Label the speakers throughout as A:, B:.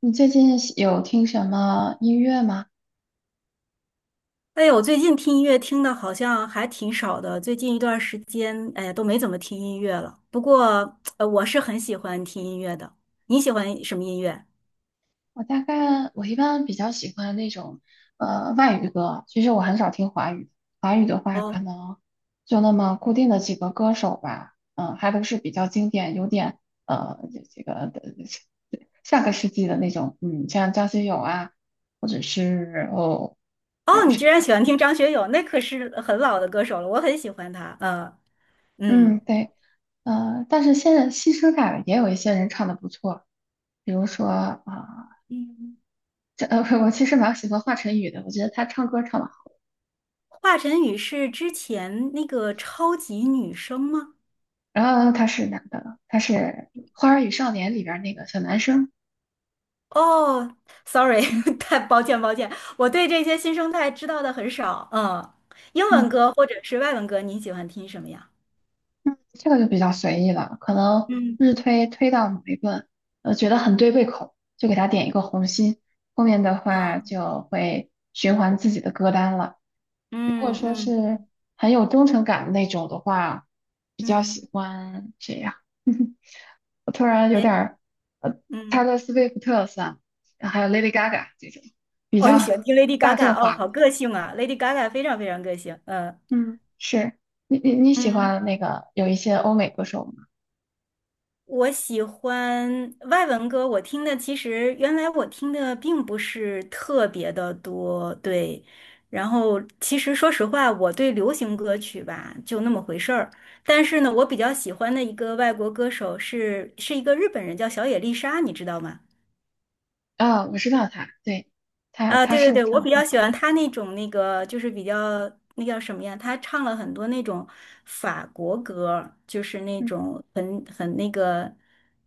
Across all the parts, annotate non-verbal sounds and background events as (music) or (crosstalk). A: 你最近有听什么音乐吗？
B: 哎呦，我最近听音乐听的好像还挺少的，最近一段时间，哎呀，都没怎么听音乐了。不过，我是很喜欢听音乐的。你喜欢什么音乐？
A: 我大概我一般比较喜欢那种外语歌，其实我很少听华语。华语的话，可
B: 哦
A: 能就那么固定的几个歌手吧，嗯，还都是比较经典，有点呃这这个的下个世纪的那种，嗯，像张学友啊，或者是还
B: 哦，
A: 有
B: 你居
A: 谁
B: 然
A: 呢？
B: 喜欢听张学友，那可是很老的歌手了，我很喜欢他。
A: 嗯，
B: 嗯
A: 对，但是现在新生代的也有一些人唱的不错，比如说啊。
B: 嗯，
A: 我其实蛮喜欢华晨宇的，我觉得他唱歌唱得好。
B: 华晨宇是之前那个超级女声吗？
A: 然后他是男的，他是《花儿与少年》里边儿那个小男生。
B: 哦，sorry，
A: 嗯
B: (laughs) 太抱歉抱歉，我对这些新生代知道的很少。嗯，英文
A: 嗯，
B: 歌或者是外文歌，你喜欢听什么呀？
A: 这个就比较随意了，可能
B: 嗯。
A: 日推推到某一个，觉得很对胃口，就给他点一个红心。后面的
B: 啊，
A: 话就会循环自己的歌单了。如果
B: 嗯
A: 说
B: 嗯
A: 是很有忠诚感的那种的话，比较
B: 嗯
A: 喜欢谁呀？(laughs) 我突然有
B: 谁？
A: 点儿，呃
B: 嗯
A: ，Taylor s w 算，还有 Lady Gaga 这种比
B: 哦，你
A: 较
B: 喜欢听 Lady
A: 大
B: Gaga
A: 众
B: 哦，
A: 化的。
B: 好个性啊，Lady Gaga 非常非常个性。嗯，
A: 嗯，是你喜
B: 嗯
A: 欢那个有一些欧美歌手吗？
B: 我喜欢外文歌，我听的其实原来我听的并不是特别的多，对。然后其实说实话，我对流行歌曲吧就那么回事儿。但是呢，我比较喜欢的一个外国歌手是是一个日本人，叫小野丽莎，你知道吗？
A: 啊、我知道他，对，他
B: 啊，
A: 他
B: 对对
A: 是
B: 对，
A: 唱
B: 我
A: 的
B: 比
A: 很
B: 较喜
A: 好。
B: 欢他那种那个，就是比较那叫什么呀？他唱了很多那种法国歌儿就是那
A: 嗯
B: 种很那个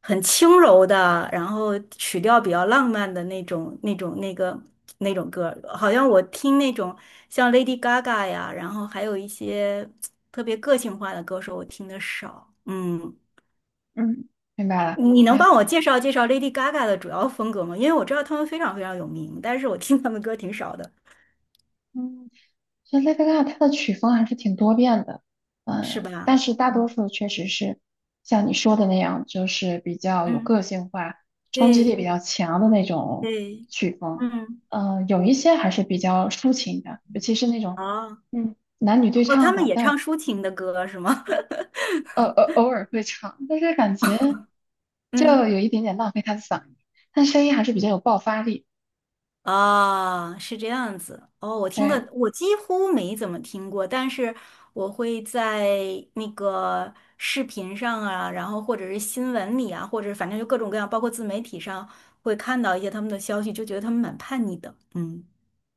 B: 很轻柔的，然后曲调比较浪漫的那种那个那种歌儿好像我听那种像 Lady Gaga 呀，然后还有一些特别个性化的歌手，我听的少。嗯，
A: 嗯，明白了。
B: 你
A: 你
B: 能
A: 还
B: 帮我介绍介绍 Lady Gaga 的主要风格吗？因为我知道他们非常非常有名，但是我听他们歌挺少的。
A: 嗯所以 Lady g a 的曲风还是挺多变的，
B: 是
A: 嗯，但
B: 吧？
A: 是大多
B: 嗯
A: 数确实是像你说的那样，就是比较有
B: 嗯，
A: 个性化、冲击力
B: 对
A: 比较强的那种
B: 对，
A: 曲风。
B: 嗯，
A: 嗯，有一些还是比较抒情的，尤其是那种
B: 哦
A: 嗯男女对
B: 哦，他
A: 唱
B: 们
A: 的，
B: 也唱
A: 但
B: 抒情的歌是吗？(laughs)
A: 偶尔会唱，但是感觉
B: 嗯，
A: 就有一点点浪费他的嗓音，但声音还是比较有爆发力。
B: 啊，是这样子。哦，我听
A: 对，
B: 的我几乎没怎么听过，但是我会在那个视频上啊，然后或者是新闻里啊，或者反正就各种各样，包括自媒体上会看到一些他们的消息，就觉得他们蛮叛逆的。嗯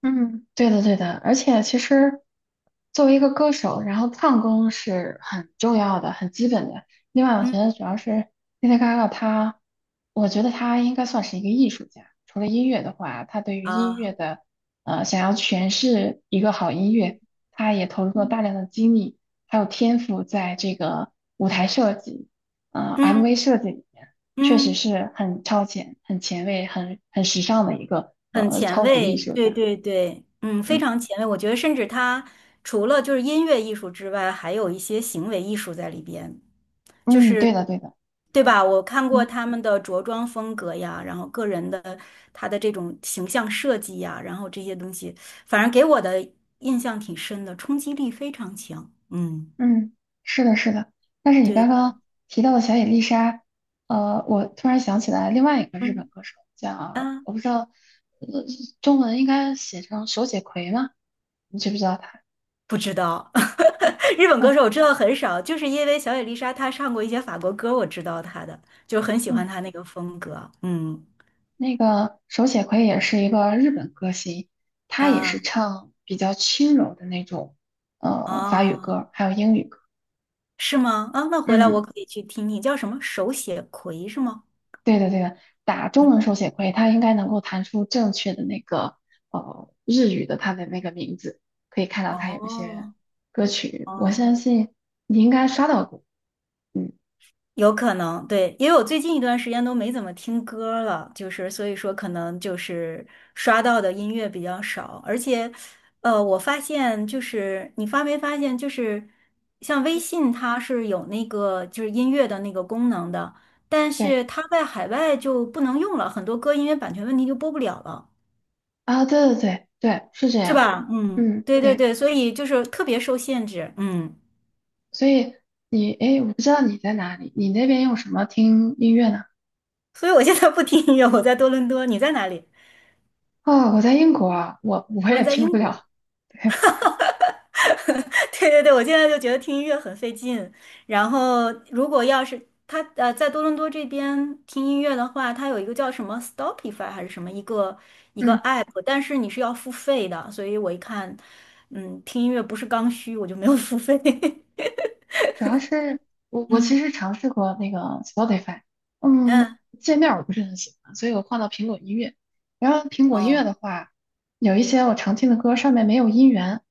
A: 嗯，对的，对的，而且其实作为一个歌手，然后唱功是很重要的、很基本的。另外，我
B: 嗯
A: 觉得主要是 Lady Gaga,她，我觉得她应该算是一个艺术家。除了音乐的话，她对于音乐
B: 啊，
A: 的，想要诠释一个好音乐，她也投入了
B: 嗯
A: 大量的精力，还有天赋在这个舞台设计、MV
B: 嗯
A: 设计里面，确实
B: 嗯。
A: 是很超前、很前卫、很时尚的一个
B: 很前
A: 超级
B: 卫，
A: 艺术
B: 对
A: 家。
B: 对对，嗯，非
A: 嗯
B: 常前卫。我觉得，甚至他除了就是音乐艺术之外，还有一些行为艺术在里边，就
A: 嗯，对
B: 是
A: 的对的，
B: 对吧？我看过
A: 嗯
B: 他们的着装风格呀，然后个人的他的这种形象设计呀，然后这些东西，反正给我的印象挺深的，冲击力非常强。嗯，
A: 嗯，是的是的。但是你刚
B: 对，
A: 刚提到的小野丽莎，我突然想起来另外一个日本
B: 嗯
A: 歌手叫，
B: 啊，
A: 我不知道，呃中文应该写成手写葵吗？你知不知道他？
B: 不知道。(laughs) 日本歌
A: 哦，
B: 手我知道很少，就是因为小野丽莎她唱过一些法国歌，我知道她的，就很喜欢
A: 嗯，
B: 她那个风格。嗯
A: 那个手写葵也是一个日本歌星，他也
B: 啊
A: 是唱比较轻柔的那种，法语
B: 哦，
A: 歌，还有英语歌。
B: 是吗？啊，那回来我
A: 嗯。
B: 可以去听听，叫什么手写葵是吗？
A: 对的，对的，打
B: 嗯，
A: 中文手写会，它应该能够弹出正确的那个日语的它的那个名字，可以看到它有一些
B: 哦
A: 歌曲，我
B: 哦。
A: 相信你应该刷到过。嗯，
B: 有可能，对，因为我最近一段时间都没怎么听歌了，就是所以说可能就是刷到的音乐比较少，而且，我发现就是你发没发现，就是像微信它是有那个就是音乐的那个功能的，但
A: 对
B: 是它在海外就不能用了，很多歌因为版权问题就播不了了，
A: 啊，对对对对，是这
B: 是
A: 样。
B: 吧？嗯，
A: 嗯，
B: 对对
A: 对，
B: 对，所以就是特别受限制，
A: 所以你诶，我不知道你在哪里，你那边用什么听音乐呢？
B: 所以我现在不听音乐，我在多伦多，你在哪里？
A: 哦，我在英国啊，我
B: 嗯，
A: 也
B: 在
A: 听
B: 英
A: 不
B: 国。
A: 了。(laughs) 对，
B: (laughs) 对对对，我现在就觉得听音乐很费劲。然后，如果要是他在多伦多这边听音乐的话，他有一个叫什么 Stopify 还是什么一个一个
A: 嗯。
B: app，但是你是要付费的。所以我一看，听音乐不是刚需，我就没有付费。(laughs)
A: 主要是我
B: 嗯
A: 其实尝试过那个 Spotify,嗯，
B: 嗯，
A: 界面我不是很喜欢，所以我换到苹果音乐。然后苹果音乐
B: 哦
A: 的话，有一些我常听的歌上面没有音源，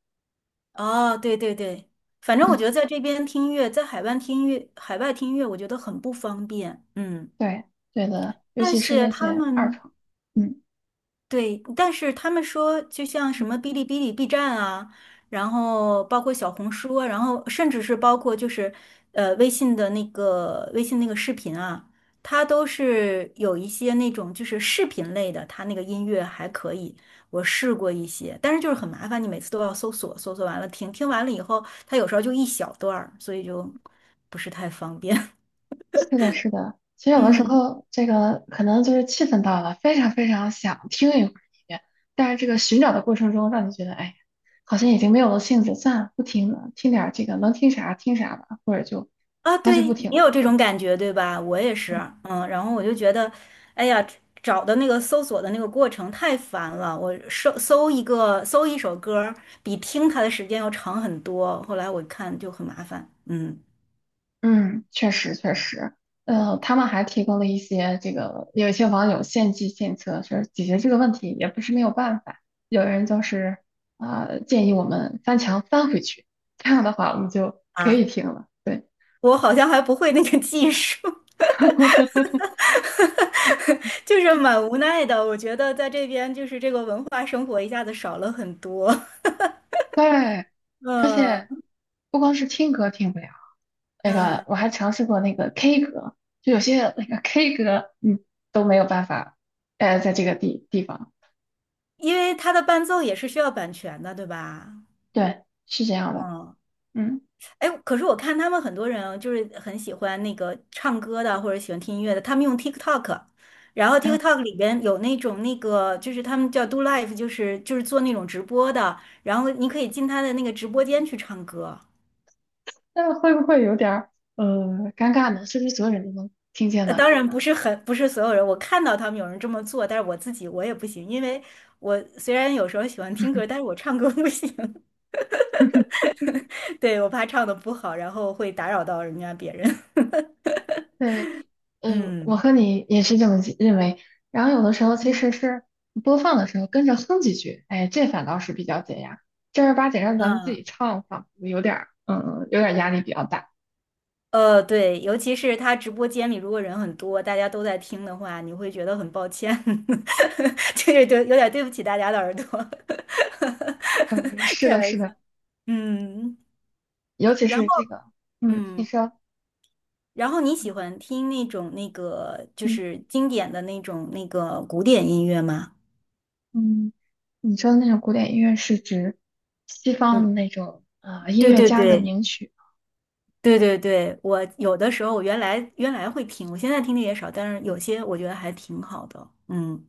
B: 哦，对对对，反正我
A: 嗯，
B: 觉得在这边听音乐，在海外听音乐，海外听音乐，我觉得很不方便。嗯，
A: 对对的，尤
B: 但
A: 其是
B: 是
A: 那
B: 他
A: 些二
B: 们
A: 创，嗯。
B: 对，但是他们说，就像什么哔哩哔哩、B 站啊，然后包括小红书啊然后甚至是包括就是微信那个视频啊，它都是有一些那种就是视频类的，它那个音乐还可以，我试过一些，但是就是很麻烦，你每次都要搜索，搜索完了听，听完了以后，它有时候就一小段儿，所以就不是太方便。
A: 是的，是的。其实
B: (laughs)
A: 有的时
B: 嗯。
A: 候，这个可能就是气氛到了，非常非常想听一会儿音乐，但是这个寻找的过程中，让你觉得，哎，好像已经没有了兴致，算了，不听了，听点儿这个能听啥听啥吧，或者就
B: 啊，
A: 干脆
B: 对，
A: 不听
B: 你
A: 了。
B: 有这种感觉，对吧？我也是，然后我就觉得，哎呀，找的那个搜索的那个过程太烦了，我搜一首歌儿，比听它的时间要长很多。后来我看就很麻烦，
A: 嗯，确实确实。他们还提供了一些这个，有一些网友献计献策，说解决这个问题也不是没有办法。有人就是啊、建议我们翻墙翻回去，这样的话我们就可以
B: 啊，
A: 听了。对。
B: 我好像还不会那个技术，
A: (laughs)
B: (laughs) 就是蛮无奈的。我觉得在这边就是这个文化生活一下子少了很多，
A: 对，
B: (laughs) 嗯
A: 不光是听歌听不了，那个
B: 嗯，
A: 我还尝试过那个 K 歌，就有些那个 K 歌，嗯，都没有办法，在这个地方，
B: 因为它的伴奏也是需要版权的，对吧？
A: 对，是这样的，
B: 嗯。
A: 嗯，
B: 哎，可是我看他们很多人啊就是很喜欢那个唱歌的，或者喜欢听音乐的，他们用 TikTok，然后
A: 然后
B: TikTok 里边有那种那个，就是他们叫 do live，就是做那种直播的，然后你可以进他的那个直播间去唱歌。
A: 那会不会有点儿呃尴尬呢？是不是所有人都能听见呢？
B: 当然不是很不是所有人，我看到他们有人这么做，但是我自己我也不行，因为我虽然有时候喜欢听歌，但是我唱歌不行，(laughs) 对，我怕唱的不好，然后会打扰到人家别人。
A: 对，
B: (laughs)
A: 嗯，我
B: 嗯
A: 和你也是这么记认为。然后有的时候其
B: 嗯，
A: 实是播放的时候跟着哼几句，哎，这反倒是比较解压。正儿八经让咱们自
B: 嗯。
A: 己唱，仿佛有点儿，嗯，有点儿压力比较大。
B: 对，尤其是他直播间里如果人很多，大家都在听的话，你会觉得很抱歉，(laughs) 就是对，有点对不起大家的耳朵，
A: 嗯，
B: (laughs)
A: 是
B: 开
A: 的，是
B: 玩笑。
A: 的，
B: 嗯，
A: 尤其
B: 然后
A: 是这个，嗯，你
B: 嗯，
A: 说，
B: 你喜欢听那种那个就
A: 嗯
B: 是经典的那种那个古典音乐吗？
A: 嗯，你说的那种古典音乐是指西方
B: 嗯，
A: 的那种音
B: 对
A: 乐
B: 对
A: 家的
B: 对
A: 名曲。
B: 对对对，我有的时候我原来原来会听，我现在听的也少，但是有些我觉得还挺好的。嗯，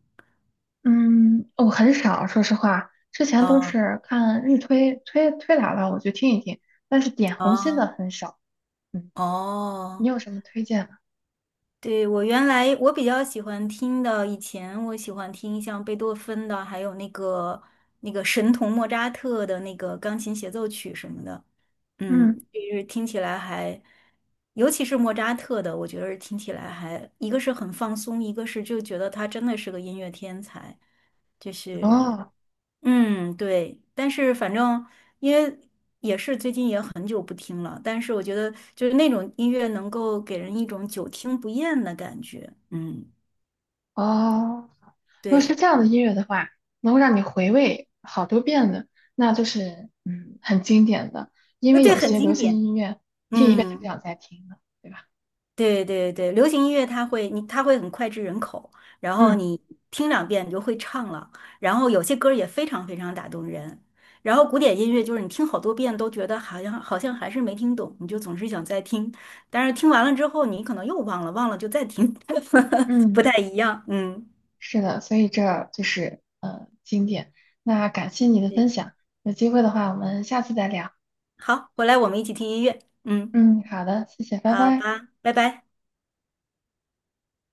A: 嗯，我很少，说实话，之前都
B: 啊
A: 是看日推推来了，我就听一听，但是点红心的
B: 啊
A: 很少。嗯，你
B: 哦。
A: 有什么推荐吗？
B: 对，我原来我比较喜欢听的，以前我喜欢听像贝多芬的，还有那个神童莫扎特的那个钢琴协奏曲什么的，嗯，
A: 嗯，
B: 就是听起来还，尤其是莫扎特的，我觉得是听起来还，一个是很放松，一个是就觉得他真的是个音乐天才，就是
A: 哦
B: 对，但是反正因为也是最近也很久不听了，但是我觉得就是那种音乐能够给人一种久听不厌的感觉。嗯，
A: 哦，如果是
B: 对，
A: 这样的音乐的话，能够让你回味好多遍的，那就是嗯很经典的，因为
B: 对，
A: 有
B: 很
A: 些流
B: 经
A: 行
B: 典。
A: 音乐听一遍就不
B: 嗯。
A: 想再听了，对吧？
B: 对对对，流行音乐它会很脍炙人口，然后
A: 嗯
B: 你听两遍你就会唱了，然后有些歌儿也非常非常打动人。然后古典音乐就是你听好多遍都觉得好像还是没听懂，你就总是想再听，但是听完了之后你可能又忘了，忘了就再听，(laughs) 不
A: 嗯
B: 太一样。嗯，
A: 是的，所以这就是经典。那感谢你的
B: 对
A: 分享，有机会的话我们下次再聊。
B: 好，回来我们一起听音乐。嗯，
A: 嗯，好的，谢谢，拜
B: 好
A: 拜。
B: 吧，拜拜。